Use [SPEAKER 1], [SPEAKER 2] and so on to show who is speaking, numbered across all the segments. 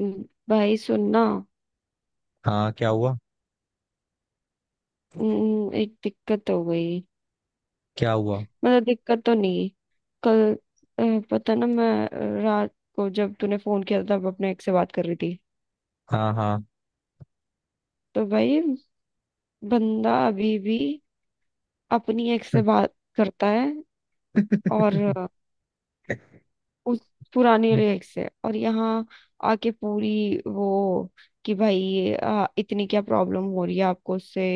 [SPEAKER 1] हम्म, भाई सुनना।
[SPEAKER 2] हाँ, क्या हुआ?
[SPEAKER 1] एक दिक्कत हो गई।
[SPEAKER 2] क्या हुआ?
[SPEAKER 1] मतलब दिक्कत तो नहीं। कल अ, पता ना मैं रात को जब तूने फोन किया था तब अपने एक से बात कर रही थी।
[SPEAKER 2] हाँ, हाँ।
[SPEAKER 1] तो भाई बंदा अभी भी अपनी एक से बात करता है। और उस पुरानी वाली एक से और यहाँ आके पूरी वो। कि भाई इतनी क्या प्रॉब्लम हो रही है आपको उससे।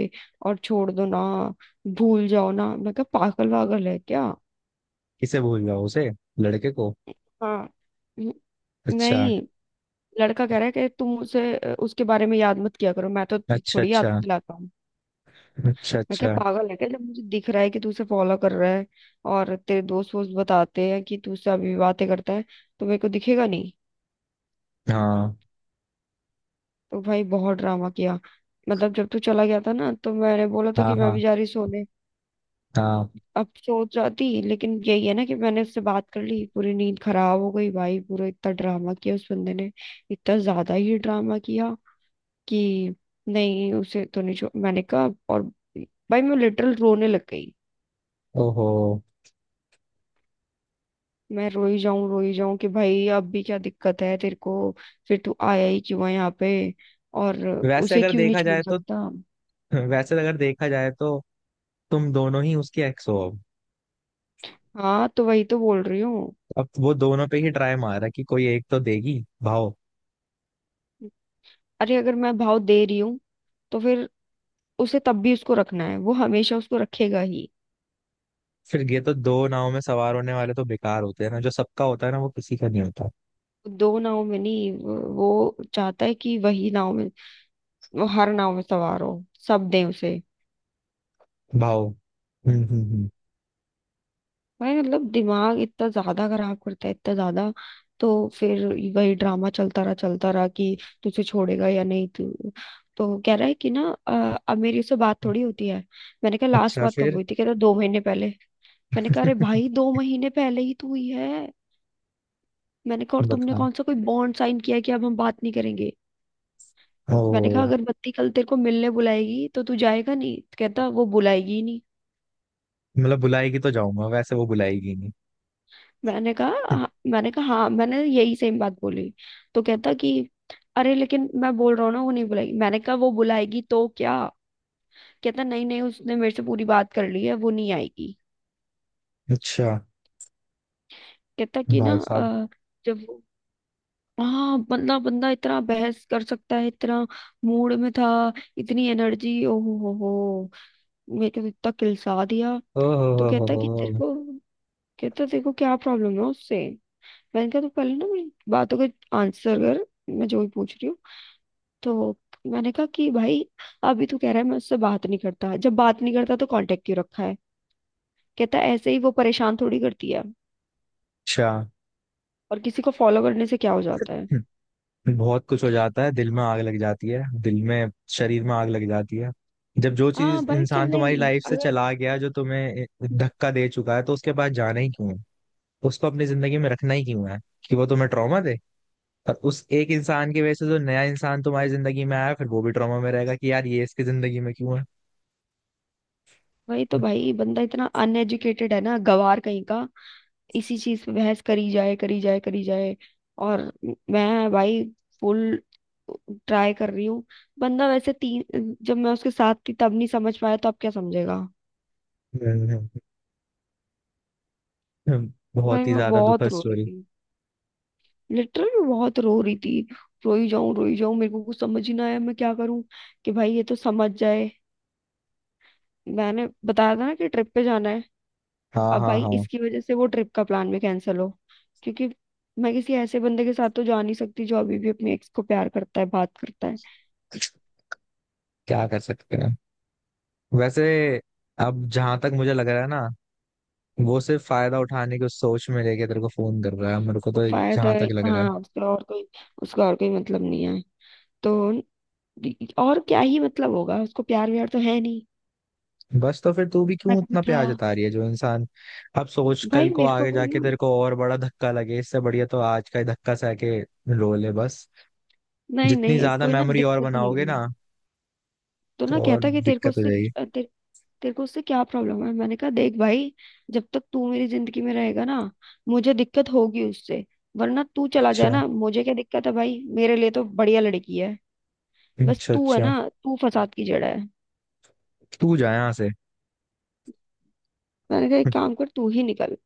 [SPEAKER 1] और छोड़ दो ना। भूल जाओ ना। मैं क्या पागल वागल है क्या।
[SPEAKER 2] किसे भूल गया? उसे? लड़के को?
[SPEAKER 1] हाँ। न-
[SPEAKER 2] अच्छा।
[SPEAKER 1] नहीं। लड़का कह रहा है कि तुम उसे उसके बारे में याद मत किया करो मैं तो
[SPEAKER 2] अच्छा।
[SPEAKER 1] थोड़ी याद
[SPEAKER 2] अच्छा।
[SPEAKER 1] दिलाता हूँ।
[SPEAKER 2] अच्छा।
[SPEAKER 1] मैं क्या
[SPEAKER 2] अच्छा।
[SPEAKER 1] पागल है क्या जब मुझे दिख रहा है कि तू उसे फॉलो कर रहा है और तेरे दोस्त वोस्त बताते हैं कि तू उससे अभी बातें करता है तो मेरे को दिखेगा नहीं।
[SPEAKER 2] हाँ,
[SPEAKER 1] तो भाई बहुत ड्रामा किया। मतलब जब तू चला गया था ना तो मैंने बोला था
[SPEAKER 2] हाँ।
[SPEAKER 1] कि मैं
[SPEAKER 2] हाँ,
[SPEAKER 1] भी जा रही सोने।
[SPEAKER 2] हाँ।
[SPEAKER 1] अब सो जाती लेकिन यही है ना कि मैंने उससे बात कर ली पूरी नींद खराब हो गई। भाई पूरा इतना ड्रामा किया उस बंदे ने। इतना ज्यादा ही ड्रामा किया कि नहीं उसे तो नहीं छोड़। मैंने कहा और भाई मैं लिटरल रोने लग गई।
[SPEAKER 2] ओहो।
[SPEAKER 1] मैं रोई जाऊं कि भाई अब भी क्या दिक्कत है तेरे को। फिर तू आया ही क्यों है यहाँ पे। और
[SPEAKER 2] वैसे
[SPEAKER 1] उसे
[SPEAKER 2] अगर
[SPEAKER 1] क्यों नहीं
[SPEAKER 2] देखा
[SPEAKER 1] छोड़
[SPEAKER 2] जाए तो
[SPEAKER 1] सकता।
[SPEAKER 2] वैसे अगर देखा जाए तो तुम दोनों ही उसकी एक्स हो अब।
[SPEAKER 1] हाँ तो वही तो बोल रही हूँ।
[SPEAKER 2] अब वो दोनों पे ही ट्राई मारा कि कोई एक तो देगी भाव।
[SPEAKER 1] अरे अगर मैं भाव दे रही हूँ तो फिर उसे तब भी उसको रखना है। वो हमेशा उसको रखेगा ही।
[SPEAKER 2] फिर ये तो दो नाव में सवार होने वाले तो बेकार होते हैं ना, जो सबका होता है ना वो किसी का नहीं होता।
[SPEAKER 1] दो नाव में नहीं। वो चाहता है कि वही नाव में वो हर नाव में सवार हो। सब दें उसे।
[SPEAKER 2] भाव। हम्म, हम्म, हम्म।
[SPEAKER 1] भाई मतलब दिमाग इतना ज्यादा खराब करता है इतना ज्यादा। तो फिर वही ड्रामा चलता रहा कि तुझे छोड़ेगा या नहीं। तू तो कह रहा है कि ना अब मेरी उससे बात थोड़ी होती है। मैंने कहा लास्ट
[SPEAKER 2] अच्छा,
[SPEAKER 1] बात कब
[SPEAKER 2] फिर?
[SPEAKER 1] हुई थी। कह रहा 2 महीने पहले। मैंने कहा अरे भाई 2 महीने पहले ही तो हुई है। मैंने कहा और तुमने
[SPEAKER 2] बताए।
[SPEAKER 1] कौन सा कोई बॉन्ड साइन किया है कि अब हम बात नहीं करेंगे।
[SPEAKER 2] ओ।
[SPEAKER 1] मैंने कहा अगर बत्ती कल तेरे को मिलने बुलाएगी तो तू जाएगा नहीं। कहता वो बुलाएगी ही नहीं।
[SPEAKER 2] मतलब बुलाएगी तो जाऊंगा, वैसे वो बुलाएगी ही नहीं।
[SPEAKER 1] मैंने कहा "हाँ," मैंने कहा हाँ मैंने यही सेम बात बोली। तो कहता कि अरे लेकिन मैं बोल रहा हूँ ना वो नहीं बुलाएगी। मैंने कहा वो बुलाएगी तो क्या। कहता नहीं नहीं उसने मेरे से पूरी बात कर ली है। वो नहीं आएगी।
[SPEAKER 2] अच्छा।
[SPEAKER 1] कहता कि ना
[SPEAKER 2] भाई साहब।
[SPEAKER 1] जब वो हाँ बंदा बंदा इतना बहस कर सकता है इतना मूड में था। इतनी एनर्जी। ओहो हो हो। मेरे को तो इतना किलसा दिया।
[SPEAKER 2] ओ
[SPEAKER 1] तो
[SPEAKER 2] हो
[SPEAKER 1] कहता कि तेरे
[SPEAKER 2] हो।
[SPEAKER 1] को। कहता तेरे को क्या प्रॉब्लम है उससे। मैंने कहा तो पहले ना मेरी बातों का आंसर कर। मैं जो भी पूछ रही हूँ। तो मैंने कहा कि भाई अभी तू कह रहा है मैं उससे बात नहीं करता। जब बात नहीं करता तो कांटेक्ट क्यों रखा है। कहता है ऐसे ही वो परेशान थोड़ी करती है।
[SPEAKER 2] अच्छा।
[SPEAKER 1] और किसी को फॉलो करने से क्या हो जाता है।
[SPEAKER 2] हम्म। बहुत कुछ हो जाता है, दिल में आग लग जाती है, दिल में। शरीर में आग लग जाती है। जब जो
[SPEAKER 1] हाँ
[SPEAKER 2] चीज
[SPEAKER 1] भाई
[SPEAKER 2] इंसान
[SPEAKER 1] चलना ही
[SPEAKER 2] तुम्हारी
[SPEAKER 1] नहीं
[SPEAKER 2] लाइफ से
[SPEAKER 1] अगर।
[SPEAKER 2] चला गया, जो तुम्हें धक्का दे चुका है, तो उसके पास जाना ही क्यों है? उसको अपनी जिंदगी में रखना ही क्यों है? कि वो तुम्हें ट्रॉमा दे। और उस एक इंसान की वजह से जो नया इंसान तुम्हारी जिंदगी में आया, फिर वो भी ट्रॉमा में रहेगा कि यार ये इसकी जिंदगी में क्यों है।
[SPEAKER 1] वही तो। भाई बंदा इतना अनएजुकेटेड है ना गवार कहीं का। इसी चीज पे बहस करी जाए करी जाए करी जाए। और मैं भाई फुल ट्राई कर रही हूँ। बंदा वैसे तीन जब मैं उसके साथ थी तब नहीं समझ पाया तो अब क्या समझेगा।
[SPEAKER 2] हम्म।
[SPEAKER 1] भाई
[SPEAKER 2] बहुत ही
[SPEAKER 1] मैं
[SPEAKER 2] ज्यादा दुखद
[SPEAKER 1] बहुत रो रही
[SPEAKER 2] स्टोरी।
[SPEAKER 1] थी। लिटरली मैं बहुत रो रही थी। रोई जाऊं मेरे को कुछ समझ ही ना आया। मैं क्या करूं कि भाई ये तो समझ जाए। मैंने बताया था ना कि ट्रिप पे जाना है।
[SPEAKER 2] हाँ,
[SPEAKER 1] अब
[SPEAKER 2] हाँ,
[SPEAKER 1] भाई
[SPEAKER 2] हाँ।
[SPEAKER 1] इसकी वजह से वो ट्रिप का प्लान भी कैंसिल हो। क्योंकि मैं किसी ऐसे बंदे के साथ तो जा नहीं सकती जो अभी भी अपने एक्स को प्यार करता है बात करता है।
[SPEAKER 2] क्या कर सकते हैं वैसे। अब जहां तक मुझे लग रहा है ना, वो सिर्फ फायदा उठाने की सोच में लेके तेरे को फोन कर रहा है, मेरे को
[SPEAKER 1] तो
[SPEAKER 2] तो
[SPEAKER 1] फायदा।
[SPEAKER 2] जहां तक लग रहा
[SPEAKER 1] हाँ
[SPEAKER 2] है।
[SPEAKER 1] उसका और कोई मतलब नहीं है। तो और क्या ही मतलब होगा। उसको प्यार व्यार तो है नहीं।
[SPEAKER 2] बस तो फिर तू भी
[SPEAKER 1] ना
[SPEAKER 2] क्यों
[SPEAKER 1] कभी
[SPEAKER 2] इतना
[SPEAKER 1] था।
[SPEAKER 2] प्यार जता रही है, जो इंसान। अब सोच,
[SPEAKER 1] भाई
[SPEAKER 2] कल को
[SPEAKER 1] मेरे को
[SPEAKER 2] आगे
[SPEAKER 1] भी
[SPEAKER 2] जाके
[SPEAKER 1] ना।
[SPEAKER 2] तेरे को और बड़ा धक्का लगे, इससे बढ़िया तो आज का ही धक्का सह के रो ले बस।
[SPEAKER 1] नहीं
[SPEAKER 2] जितनी
[SPEAKER 1] नहीं
[SPEAKER 2] ज्यादा
[SPEAKER 1] कोई ना
[SPEAKER 2] मेमोरी और
[SPEAKER 1] दिक्कत नहीं
[SPEAKER 2] बनाओगे
[SPEAKER 1] है।
[SPEAKER 2] ना,
[SPEAKER 1] तो
[SPEAKER 2] तो
[SPEAKER 1] ना
[SPEAKER 2] और
[SPEAKER 1] कहता कि तेरे को
[SPEAKER 2] दिक्कत हो
[SPEAKER 1] उससे
[SPEAKER 2] जाएगी।
[SPEAKER 1] तेरे तेरे को उससे क्या प्रॉब्लम है। मैंने कहा देख भाई जब तक तू मेरी जिंदगी में रहेगा ना मुझे दिक्कत होगी उससे। वरना तू चला जाए
[SPEAKER 2] अच्छा।
[SPEAKER 1] ना मुझे क्या दिक्कत है। भाई मेरे लिए तो बढ़िया लड़की है। बस
[SPEAKER 2] अच्छा,
[SPEAKER 1] तू है
[SPEAKER 2] अच्छा।
[SPEAKER 1] ना। तू फसाद की जड़ है।
[SPEAKER 2] तू जा यहाँ से।
[SPEAKER 1] मैंने कहा एक काम कर तू ही निकल।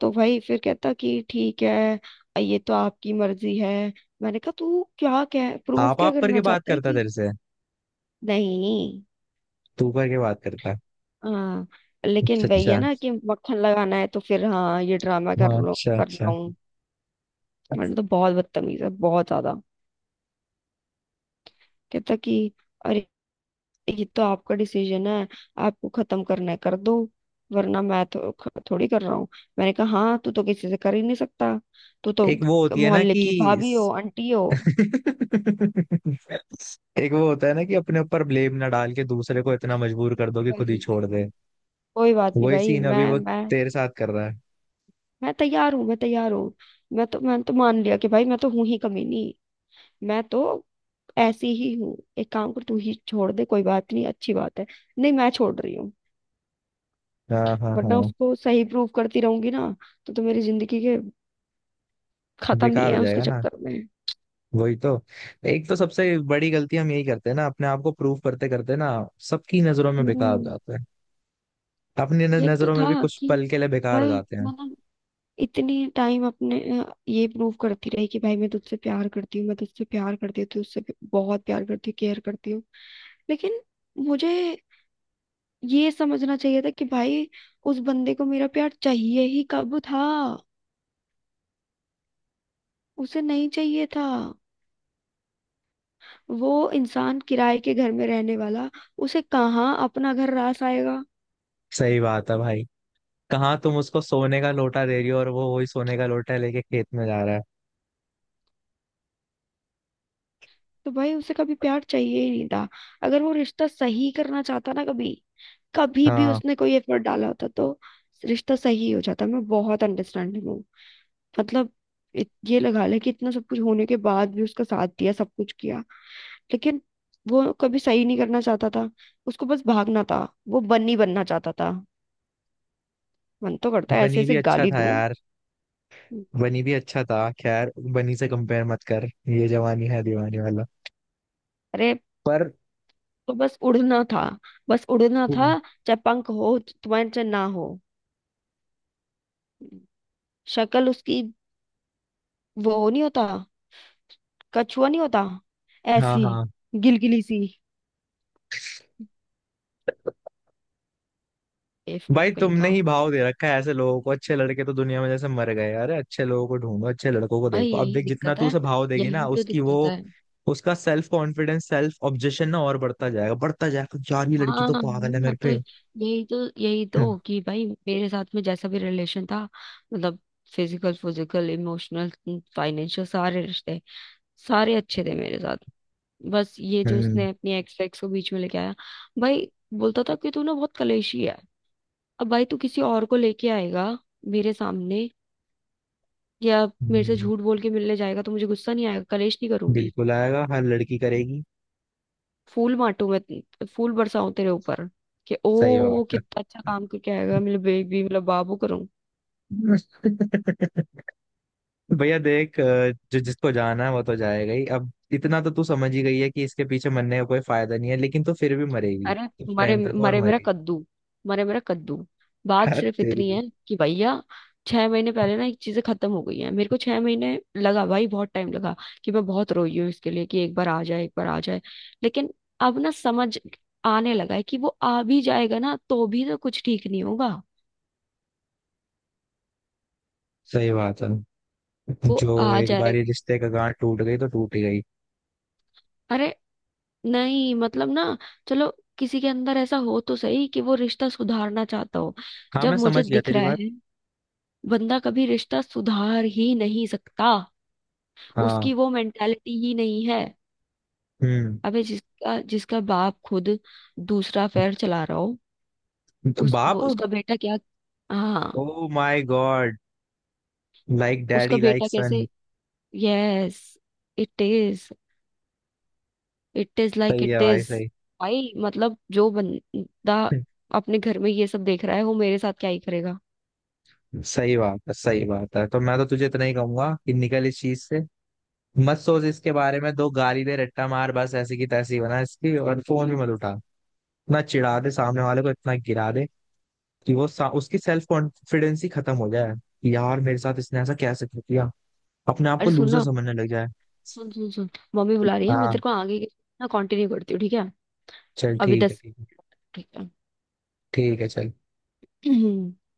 [SPEAKER 1] तो भाई फिर कहता कि ठीक है ये तो आपकी मर्जी है। मैंने कहा तू क्या कह प्रूफ क्या
[SPEAKER 2] आप
[SPEAKER 1] करना
[SPEAKER 2] करके बात
[SPEAKER 1] चाहता है
[SPEAKER 2] करता
[SPEAKER 1] कि।
[SPEAKER 2] तेरे से?
[SPEAKER 1] नहीं।
[SPEAKER 2] तू करके बात करता?
[SPEAKER 1] हाँ।
[SPEAKER 2] अच्छा,
[SPEAKER 1] लेकिन वही है
[SPEAKER 2] अच्छा।
[SPEAKER 1] ना कि मक्खन लगाना है तो फिर हाँ ये ड्रामा कर
[SPEAKER 2] हाँ,
[SPEAKER 1] लो
[SPEAKER 2] अच्छा,
[SPEAKER 1] कर रहा
[SPEAKER 2] अच्छा।
[SPEAKER 1] हूँ। मैंने तो बहुत बदतमीज है बहुत ज्यादा। कहता कि अरे ये तो आपका डिसीजन है। आपको खत्म करना है कर दो। वरना मैं तो थोड़ी कर रहा हूँ। मैंने कहा हाँ तू तो किसी से कर ही नहीं सकता। तू तो
[SPEAKER 2] एक वो होती है ना
[SPEAKER 1] मोहल्ले
[SPEAKER 2] कि—
[SPEAKER 1] की भाभी हो आंटी हो।
[SPEAKER 2] एक वो होता है ना कि अपने ऊपर ब्लेम ना डाल के दूसरे को इतना मजबूर कर दो कि खुद ही
[SPEAKER 1] वही वही।
[SPEAKER 2] छोड़ दे।
[SPEAKER 1] कोई बात नहीं
[SPEAKER 2] वही
[SPEAKER 1] भाई।
[SPEAKER 2] सीन
[SPEAKER 1] मैं
[SPEAKER 2] अभी वो
[SPEAKER 1] मैं
[SPEAKER 2] तेरे साथ कर रहा है।
[SPEAKER 1] मैं तैयार हूँ मैं तैयार हूँ। मैंने तो मान लिया कि भाई मैं तो हूँ ही कमीनी। मैं तो ऐसी ही हूँ एक काम कर तू ही छोड़ दे कोई बात नहीं अच्छी बात है। नहीं मैं छोड़ रही हूँ।
[SPEAKER 2] हाँ, हाँ,
[SPEAKER 1] वरना
[SPEAKER 2] हाँ।
[SPEAKER 1] उसको सही प्रूव करती रहूंगी ना तो मेरी जिंदगी के खत्म ही
[SPEAKER 2] बेकार हो
[SPEAKER 1] है उसके
[SPEAKER 2] जाएगा ना।
[SPEAKER 1] चक्कर में।
[SPEAKER 2] वही तो। एक तो सबसे बड़ी गलती हम यही करते हैं ना, अपने आप को प्रूव करते करते ना, सबकी नजरों में बेकार हो
[SPEAKER 1] हम्म।
[SPEAKER 2] जाते हैं। अपनी
[SPEAKER 1] यही तो
[SPEAKER 2] नजरों में भी
[SPEAKER 1] था
[SPEAKER 2] कुछ
[SPEAKER 1] कि
[SPEAKER 2] पल के लिए बेकार हो
[SPEAKER 1] भाई
[SPEAKER 2] जाते हैं।
[SPEAKER 1] मतलब इतने टाइम अपने ये प्रूव करती रही कि भाई मैं तुझसे प्यार करती हूँ मैं तुझसे प्यार करती हूँ तुझसे बहुत प्यार करती हूँ केयर करती हूँ। लेकिन मुझे ये समझना चाहिए था कि भाई उस बंदे को मेरा प्यार चाहिए ही कब था। उसे नहीं चाहिए था। वो इंसान किराए के घर में रहने वाला। उसे कहाँ अपना घर रास आएगा।
[SPEAKER 2] सही बात है भाई। कहाँ तुम उसको सोने का लोटा दे रही हो, और वो वही सोने का लोटा लेके खेत में जा रहा है।
[SPEAKER 1] तो भाई उसे कभी प्यार चाहिए ही नहीं था। अगर वो रिश्ता सही करना चाहता ना कभी कभी भी
[SPEAKER 2] हाँ।
[SPEAKER 1] उसने कोई एफर्ट डाला होता तो रिश्ता सही हो जाता। मैं बहुत अंडरस्टैंडिंग हूँ। मतलब ये लगा ले कि इतना सब कुछ होने के बाद भी उसका साथ दिया सब कुछ किया। लेकिन वो कभी सही नहीं करना चाहता था। उसको बस भागना था। वो बन्नी बनना चाहता था। मन तो करता है ऐसे
[SPEAKER 2] बनी भी
[SPEAKER 1] ऐसे
[SPEAKER 2] अच्छा
[SPEAKER 1] गाली
[SPEAKER 2] था
[SPEAKER 1] दूं।
[SPEAKER 2] यार। बनी भी अच्छा था, खैर बनी से कंपेयर मत कर। ये जवानी है दीवानी वाला।
[SPEAKER 1] अरे
[SPEAKER 2] पर
[SPEAKER 1] तो बस उड़ना था। बस उड़ना था।
[SPEAKER 2] उन-
[SPEAKER 1] चाहे पंख हो तुम्हारे चाहे ना हो। शक्ल उसकी वो नहीं होता कछुआ नहीं होता।
[SPEAKER 2] हाँ,
[SPEAKER 1] ऐसी
[SPEAKER 2] हाँ।
[SPEAKER 1] गिलगिली सी
[SPEAKER 2] भाई
[SPEAKER 1] बेवकूफ कहीं
[SPEAKER 2] तुमने
[SPEAKER 1] का।
[SPEAKER 2] ही भाव दे रखा है ऐसे लोगों को। अच्छे लड़के तो दुनिया में जैसे मर गए? अरे अच्छे लोगों को ढूंढो, अच्छे लड़कों को
[SPEAKER 1] अरे
[SPEAKER 2] देखो। अब
[SPEAKER 1] यही
[SPEAKER 2] देख, जितना
[SPEAKER 1] दिक्कत
[SPEAKER 2] तू
[SPEAKER 1] है।
[SPEAKER 2] उसे भाव देगी ना
[SPEAKER 1] यही तो
[SPEAKER 2] उसकी
[SPEAKER 1] दिक्कत
[SPEAKER 2] वो,
[SPEAKER 1] है।
[SPEAKER 2] उसका सेल्फ कॉन्फिडेंस, सेल्फ ऑब्जेक्शन ना और बढ़ता जाएगा, बढ़ता जाएगा, यार ये लड़की
[SPEAKER 1] हाँ
[SPEAKER 2] तो पागल है मेरे
[SPEAKER 1] हाँ, तो
[SPEAKER 2] पे।
[SPEAKER 1] यही तो यही
[SPEAKER 2] हम्म,
[SPEAKER 1] तो कि भाई मेरे साथ में जैसा भी रिलेशन था। मतलब फिजिकल फिजिकल इमोशनल फाइनेंशियल सारे रिश्ते सारे अच्छे थे मेरे साथ। बस ये जो
[SPEAKER 2] हम्म,
[SPEAKER 1] उसने अपनी एक्स एक्स को बीच में लेके आया। भाई बोलता था कि तू ना बहुत कलेशी है। अब भाई तू किसी और को लेके आएगा मेरे सामने या मेरे से
[SPEAKER 2] हम्म।
[SPEAKER 1] झूठ बोल के मिलने जाएगा तो मुझे गुस्सा नहीं आएगा कलेश नहीं करूंगी।
[SPEAKER 2] बिल्कुल आएगा, हर लड़की करेगी।
[SPEAKER 1] फूल बांटू मैं फूल बरसाऊं तेरे ऊपर। कि
[SPEAKER 2] सही
[SPEAKER 1] ओ
[SPEAKER 2] बात
[SPEAKER 1] कितना अच्छा काम करके आएगा मेरे बेबी मेरा बाबू।
[SPEAKER 2] है। भैया देख, जो जिसको जाना है वो तो जाएगा ही। अब इतना तो तू समझ ही गई है कि इसके पीछे मरने का कोई फायदा नहीं है, लेकिन तो फिर भी मरेगी,
[SPEAKER 1] अरे
[SPEAKER 2] कुछ
[SPEAKER 1] मरे
[SPEAKER 2] टाइम तक और
[SPEAKER 1] मरे मेरा
[SPEAKER 2] मरेगी।
[SPEAKER 1] कद्दू। मरे मेरा कद्दू। बात
[SPEAKER 2] यार
[SPEAKER 1] सिर्फ इतनी
[SPEAKER 2] तेरी।
[SPEAKER 1] है कि भैया 6 महीने पहले ना एक चीजें खत्म हो गई है। मेरे को 6 महीने लगा भाई बहुत टाइम लगा। कि मैं बहुत रोई हूँ इसके लिए कि एक बार आ जाए एक बार आ जाए। लेकिन अब ना समझ आने लगा है कि वो आ भी जाएगा ना तो भी तो कुछ ठीक नहीं होगा।
[SPEAKER 2] सही बात है।
[SPEAKER 1] वो
[SPEAKER 2] जो
[SPEAKER 1] आ
[SPEAKER 2] एक बार
[SPEAKER 1] जाएगा।
[SPEAKER 2] ये रिश्ते का गांठ टूट गई तो टूट ही गई।
[SPEAKER 1] अरे नहीं मतलब ना। चलो किसी के अंदर ऐसा हो तो सही कि वो रिश्ता सुधारना चाहता हो।
[SPEAKER 2] हाँ,
[SPEAKER 1] जब
[SPEAKER 2] मैं
[SPEAKER 1] मुझे
[SPEAKER 2] समझ गया
[SPEAKER 1] दिख
[SPEAKER 2] तेरी
[SPEAKER 1] रहा
[SPEAKER 2] बात।
[SPEAKER 1] है बंदा कभी रिश्ता सुधार ही नहीं सकता।
[SPEAKER 2] हाँ।
[SPEAKER 1] उसकी वो मेंटालिटी ही नहीं है।
[SPEAKER 2] हम्म।
[SPEAKER 1] अबे जिसका जिसका बाप खुद दूसरा अफेयर चला रहा हो
[SPEAKER 2] तो
[SPEAKER 1] उस
[SPEAKER 2] बाप।
[SPEAKER 1] वो उसका बेटा क्या। हाँ
[SPEAKER 2] ओ माय गॉड। लाइक
[SPEAKER 1] उसका
[SPEAKER 2] डैडी लाइक
[SPEAKER 1] बेटा
[SPEAKER 2] सन।
[SPEAKER 1] कैसे। Yes it is it is like
[SPEAKER 2] सही है
[SPEAKER 1] इट
[SPEAKER 2] भाई,
[SPEAKER 1] इज।
[SPEAKER 2] सही।
[SPEAKER 1] भाई मतलब जो बंदा अपने घर में ये सब देख रहा है वो मेरे साथ क्या ही करेगा।
[SPEAKER 2] सही बात है, सही बात है। तो मैं तो तुझे इतना ही कहूंगा कि निकल इस चीज से। मत सोच इसके बारे में, दो गाली दे, रट्टा मार, बस ऐसी की तैसी बना इसकी, और फोन भी मत उठा। इतना चिढ़ा दे सामने वाले को, इतना गिरा दे कि उसकी सेल्फ कॉन्फिडेंस ही खत्म हो जाए कि यार मेरे साथ इसने ऐसा कैसे किया। अपने आप को
[SPEAKER 1] अरे सुन
[SPEAKER 2] लूजर
[SPEAKER 1] ना।
[SPEAKER 2] समझने लग जाए।
[SPEAKER 1] सुन सुन सुन। मम्मी बुला रही है। मैं
[SPEAKER 2] हाँ।
[SPEAKER 1] तेरे को आगे ना कंटिन्यू करती हूँ ठीक है।
[SPEAKER 2] चल
[SPEAKER 1] अभी
[SPEAKER 2] ठीक है,
[SPEAKER 1] 10।
[SPEAKER 2] ठीक है।
[SPEAKER 1] ठीक
[SPEAKER 2] ठीक है चल।
[SPEAKER 1] है।